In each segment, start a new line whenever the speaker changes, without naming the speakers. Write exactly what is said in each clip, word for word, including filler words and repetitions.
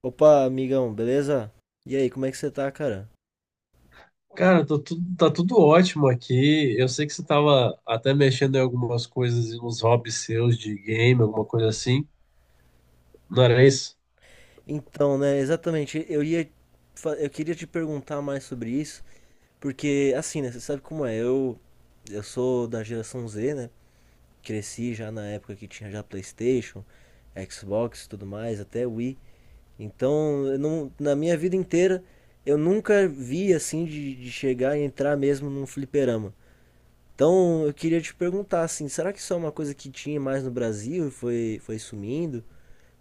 Opa, amigão, beleza? E aí, como é que você tá, cara?
Cara, tô tudo- tá tudo ótimo aqui. Eu sei que você tava até mexendo em algumas coisas, nos hobbies seus de game, alguma coisa assim. Não era isso?
Então, né, exatamente, eu ia fa- eu queria te perguntar mais sobre isso, porque assim, né, você sabe como é? Eu eu sou da geração Z, né? Cresci já na época que tinha já PlayStation, Xbox, e tudo mais, até Wii. Então, eu não, na minha vida inteira eu nunca vi assim de, de chegar e entrar mesmo num fliperama. Então, eu queria te perguntar assim, será que isso é uma coisa que tinha mais no Brasil e foi foi sumindo?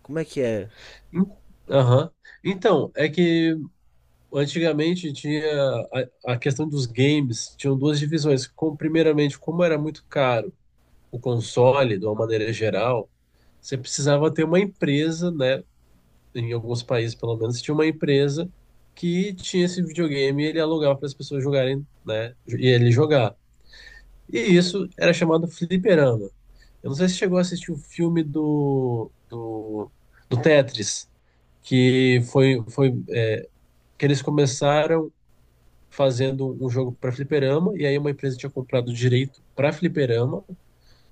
Como é que é
Em- Aham. Então, é que antigamente tinha a, a questão dos games, tinham duas divisões. Com, primeiramente, como era muito caro o console, de uma maneira geral, você precisava ter uma empresa, né? Em alguns países, pelo menos, tinha uma empresa que tinha esse videogame e ele alugava para as pessoas jogarem, né? E ele jogar. E isso era chamado fliperama. Eu não sei se chegou a assistir o filme do, do, do Tetris, que foi, foi é, que eles começaram fazendo um jogo para fliperama, e aí uma empresa tinha comprado o direito para fliperama,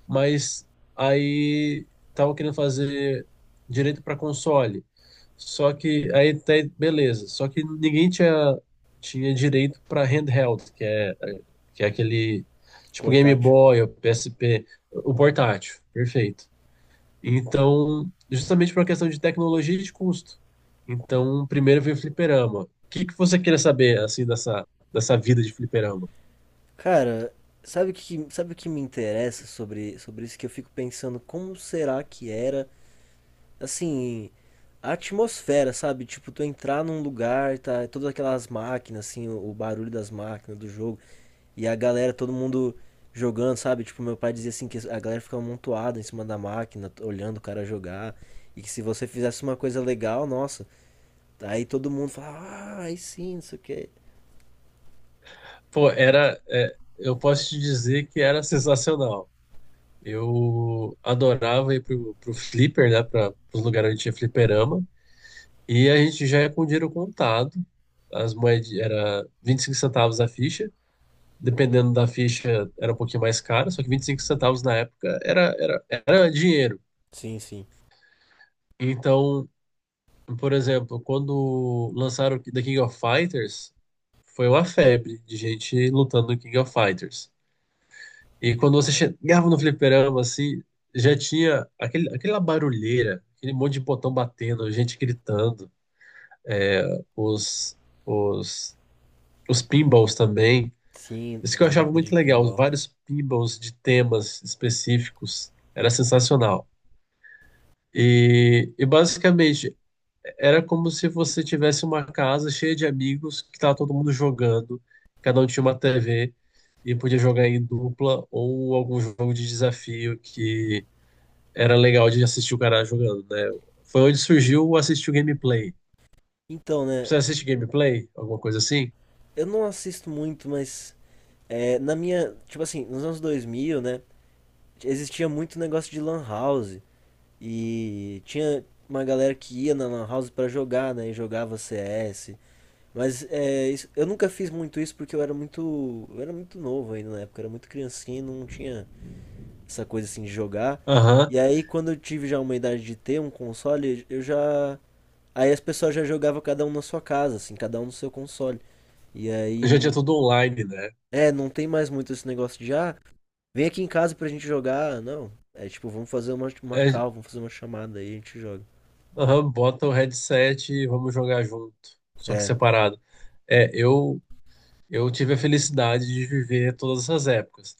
mas aí tava querendo fazer direito para console. Só que aí até beleza, só que ninguém tinha tinha direito para handheld, que é que é aquele tipo Game
portátil?
Boy ou P S P, o portátil, perfeito. Então, justamente por uma questão de tecnologia e de custo. Então, primeiro veio o fliperama. O que que você queria saber assim dessa dessa vida de fliperama?
Cara, sabe o que, sabe o que me interessa sobre, sobre isso? Que eu fico pensando como será que era, assim, a atmosfera, sabe? Tipo, tu entrar num lugar, tá, todas aquelas máquinas, assim, o, o barulho das máquinas do jogo, e a galera, todo mundo jogando, sabe? Tipo, meu pai dizia assim que a galera ficava amontoada em cima da máquina, olhando o cara jogar, e que se você fizesse uma coisa legal, nossa, aí todo mundo fala, ah, aí sim, não sei o quê.
Pô, era é, eu posso te dizer que era sensacional. Eu adorava ir pro, pro Flipper, né? Para os lugares onde tinha fliperama. E a gente já ia com o dinheiro contado. As moedas era vinte e cinco centavos a ficha. Dependendo da ficha, era um pouquinho mais caro. Só que vinte e cinco centavos na época era, era, era dinheiro.
Sim, sim.
Então, por exemplo, quando lançaram o The King of Fighters, foi uma febre de gente lutando no King of Fighters. E quando você chegava no fliperama, assim, já tinha aquele, aquela barulheira, aquele monte de botão batendo, gente gritando, os, os, os pinballs também.
Sim,
Isso que eu
as
achava
máquinas
muito
de
legal, os
pinball.
vários pinballs de temas específicos, era sensacional. E, e basicamente era como se você tivesse uma casa cheia de amigos que estava todo mundo jogando, cada um tinha uma T V e podia jogar em dupla ou algum jogo de desafio que era legal de assistir o cara jogando, né? Foi onde surgiu o assistir o gameplay.
Então, né,
Você assiste gameplay? Alguma coisa assim?
eu não assisto muito, mas é, na minha, tipo assim, nos anos dois mil né, existia muito negócio de lan house e tinha uma galera que ia na lan house pra jogar, né, e jogava C S. Mas é, isso- eu nunca fiz muito isso porque eu era muito, eu era muito novo ainda na época, eu era muito criancinha e não tinha essa coisa assim de jogar.
Aham.
E aí quando eu tive já uma idade de ter um console, eu já. Aí as pessoas já jogavam cada um na sua casa, assim, cada um no seu console. E aí,
Já tinha
não-
tudo online, né?
é, não tem mais muito esse negócio de, ah, vem aqui em casa pra gente jogar. Não, é tipo, vamos fazer uma, uma
É,
call, vamos fazer uma chamada aí a gente joga.
aham, bota o headset e vamos jogar junto, só que
É,
separado. É, eu eu tive a felicidade de viver todas essas épocas.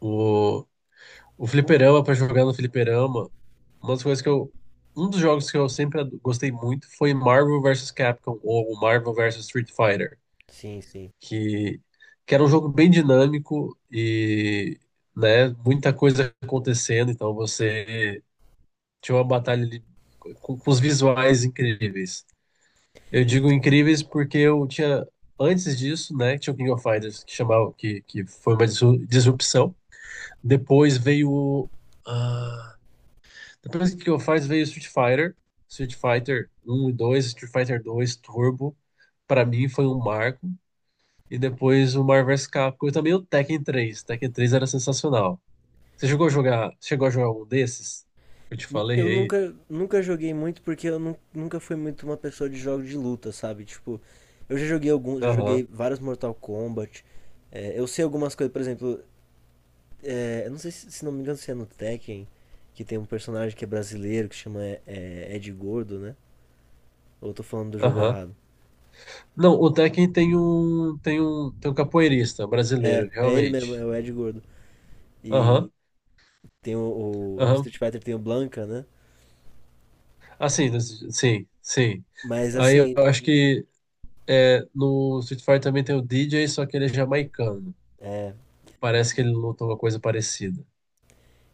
O, O fliperama, pra jogar no fliperama, uma das coisas que eu. Um dos jogos que eu sempre ad- gostei muito foi Marvel versus Capcom, ou Marvel versus Street Fighter,
sim, sim.
que, que era um jogo bem dinâmico e, né, muita coisa acontecendo, então você tinha uma batalha ali com, com os visuais incríveis. Eu digo
Ent-
incríveis porque eu tinha, antes disso, né, tinha o King of Fighters, que chamava, que, que foi uma disru- disrupção. Depois veio o. ah, Depois que eu faz veio Street Fighter, Street Fighter um e dois, Street Fighter dois Turbo, para mim foi um marco. E depois o Marvel vs Capcom e também o Tekken três, Tekken três era sensacional. Você chegou a jogar, chegou a jogar um desses? Eu te
n-
falei
Eu
aí.
nunca, nunca joguei muito porque eu nu- nunca fui muito uma pessoa de jogos de luta, sabe? Tipo, eu já joguei alguns, já joguei
Aham.
vários Mortal Kombat. É, eu sei algumas coisas, por exemplo, é, eu não sei se, se não me engano se é no Tekken, que tem um personagem que é brasileiro, que chama é, é, Ed Gordo, né? Ou eu tô falando do jogo
Aham.
errado?
Não, o Tekken tem um, tem um, tem um capoeirista
É,
brasileiro,
é ele mesmo, é
realmente.
o Ed Gordo.
Aham.
E tem o, o- no
Aham.
Street Fighter tem o Blanca, né?
Assim, sim, sim.
Mas
Aí
assim.
eu acho
de-
que é, no Street Fighter também tem o D J, só que ele é jamaicano.
É.
Parece que ele lutou uma coisa parecida.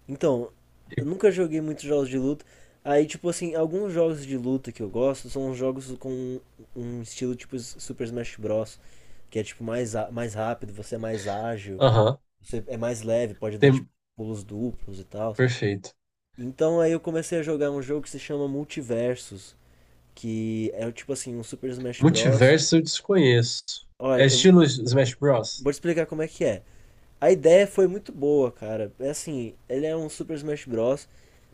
Então, eu nunca joguei muitos jogos de luta. Aí, tipo assim, alguns jogos de luta que eu gosto são os jogos com um estilo tipo S- Super Smash Bros. Que é tipo mais, á- mais rápido, você é mais ágil,
Aham,
você é mais leve, pode dar tipo
tem...
pulos duplos e tal.
perfeito.
Então aí eu comecei a jogar um jogo que se chama Multiversus, que é tipo assim, um Super Smash Bros.
Multiverso eu desconheço.
Olha,
É
eu,
estilo Smash Bros.
Vou te explicar como é que é. A ideia foi muito boa, cara. É assim, ele é um Super Smash Bros,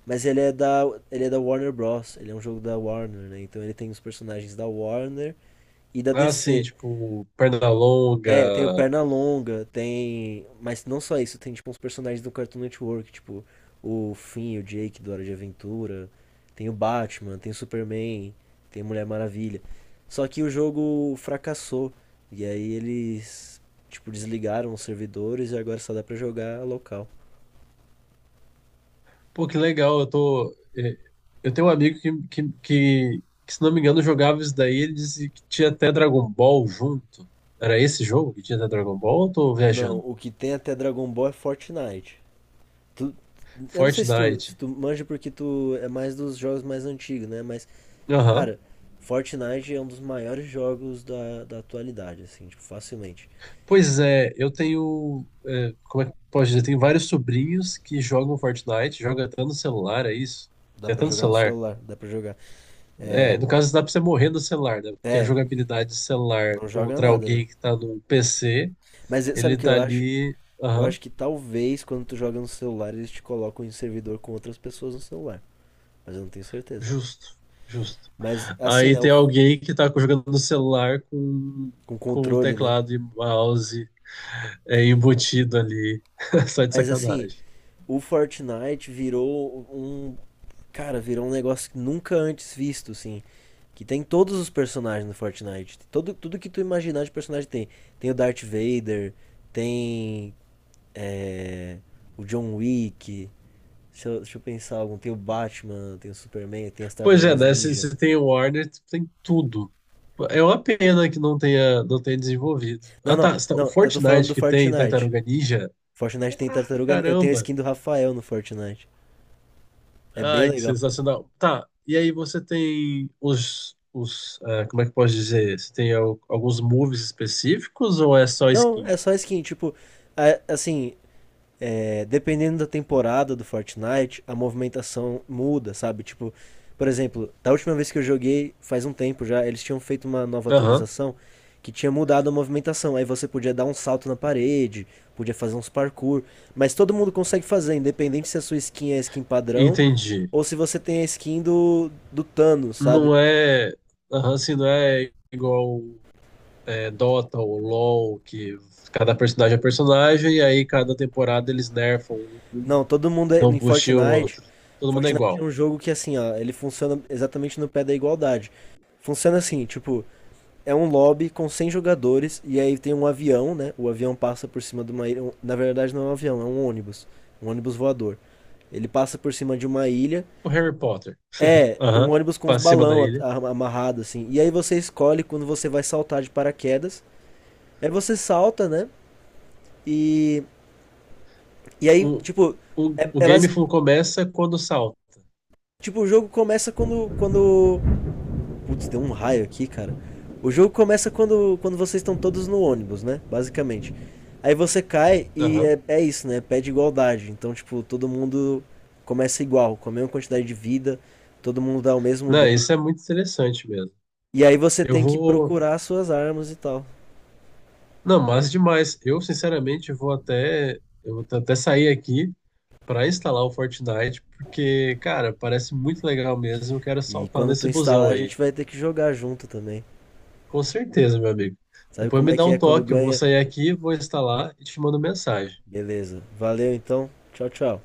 mas ele é da ele é da Warner Bros. Ele é um jogo da Warner, né? Então ele tem os personagens da Warner e da
Ah, sim,
D C.
tipo, perna
É, tem o
longa.
Pernalonga, tem. Mas não só isso, tem tipo uns personagens do Cartoon Network, tipo o Finn, o Jake do Hora de Aventura, tem o Batman, tem o Superman, tem a Mulher Maravilha. Só que o jogo fracassou, e aí eles, tipo, desligaram os servidores e agora só dá pra jogar local.
Pô, que legal, eu tô. é, Eu tenho um amigo que, que, que, que, se não me engano, jogava isso daí. Ele disse que tinha até Dragon Ball junto. Era esse jogo que tinha até Dragon Ball ou eu tô
Não,
viajando?
o que tem até Dragon Ball é Fortnite. Tu- eu não sei se tu, se
Fortnite.
tu manja porque tu é mais dos jogos mais antigos, né? Mas
Aham.
cara, Fortnite é um dos maiores jogos da, da atualidade, assim, tipo, facilmente.
Pois é, eu tenho. É, como é que eu posso dizer? Tenho vários sobrinhos que jogam Fortnite, jogam até no celular, é isso?
Dá
Tem até
pra
no
jogar no
celular.
celular, dá pra jogar.
É,
É,
no caso, dá pra você morrer no celular, né? Porque a
é,
jogabilidade de celular
não joga
contra
nada, né?
alguém que tá no P C,
Mas eh, sabe o
ele
que
tá
eu acho?
ali.
Eu
Aham,
acho que talvez quando tu joga no celular eles te colocam em servidor com outras pessoas no celular. Mas eu não tenho certeza.
justo, justo.
Mas assim,
Aí
né? o
tem
f-
alguém que tá jogando no celular com,
Com
com
controle, né?
teclado e mouse. É embutido ali, só de
Mas assim,
sacanagem.
o Fortnite virou um. Cara, virou um negócio que nunca antes visto, assim. Que tem todos os personagens no Fortnite. Todo, tudo que tu imaginar de personagem tem. Tem o Darth Vader, tem. é, o John Wick. Deixa eu, deixa eu pensar algum. Tem o Batman, tem o Superman, tem as
Pois é,
Tartarugas
né? Se,
Ninja.
se tem o Warner, tem tudo. É uma pena que não tenha, não tenha desenvolvido.
Não,
Ah,
não,
tá. Tá, o
não, eu tô falando do
Fortnite que tem
Fortnite.
Tartaruga Ninja.
Fortnite tem
Caraca,
Tartaruga Ninja. Eu tenho a
caramba!
skin do Rafael no Fortnite. É bem
Ai, que
legal.
sensacional. Tá, e aí você tem os, os ah, como é que eu posso dizer? Você tem al- alguns moves específicos ou é só
Não, é
skin?
só skin, tipo, a- assim, é, dependendo da temporada do Fortnite, a movimentação muda, sabe? Tipo, por exemplo, da última vez que eu joguei, faz um tempo já, eles tinham feito uma nova
Aham,
atualização que tinha mudado a movimentação. Aí você podia dar um salto na parede, podia fazer uns parkour, mas todo mundo consegue fazer, independente se a sua skin é a skin padrão
entendi.
ou se você tem a skin do, do Thanos, sabe?
Não é, aham, assim, não é igual é, Dota ou LoL, que cada personagem é personagem e aí cada temporada eles nerfam um,
Não, todo mundo é,
dão um
em
boost em
Fortnite.
outro. Todo mundo é
Fortnite é
igual.
um jogo que assim, ó, ele funciona exatamente no pé da igualdade. Funciona assim, tipo, é um lobby com cem jogadores e aí tem um avião, né? O avião passa por cima de uma ilha. um, Na verdade, não é um avião, é um ônibus. Um ônibus voador. Ele passa por cima de uma ilha.
O Harry Potter,
É, um
aham,
ônibus com uns
pra cima da
balão
ilha.
amarrado, assim. E aí você escolhe quando você vai saltar de paraquedas. Aí você salta, né? E, e aí,
O,
tipo,
o,
é,
o
é
game
basic-
fu- começa quando salta.
tipo, o jogo começa quando, quando. Putz, deu um raio aqui, cara. O jogo começa quando, quando vocês estão todos no ônibus, né? Basicamente. Aí você cai e
Aham.
é, é isso, né? Pede igualdade. Então, tipo, todo mundo começa igual, com a mesma quantidade de vida, todo mundo dá o mesmo
Não,
dano.
isso é muito interessante mesmo.
E aí você
Eu
tem que
vou.
procurar as suas armas e tal.
Não, mas demais. Eu, sinceramente, vou até. Eu vou até sair aqui para instalar o Fortnite, porque, cara, parece muito legal mesmo. Eu quero
E
saltar
quando tu
nesse busão
instalar, a
aí.
gente vai ter que jogar junto também.
Com certeza, meu amigo.
Sabe
Depois
como
me
é
dá
que
um
é quando
toque. Eu vou
ganha?
sair aqui, vou instalar e te mando mensagem.
Beleza. Valeu então. Tchau, tchau.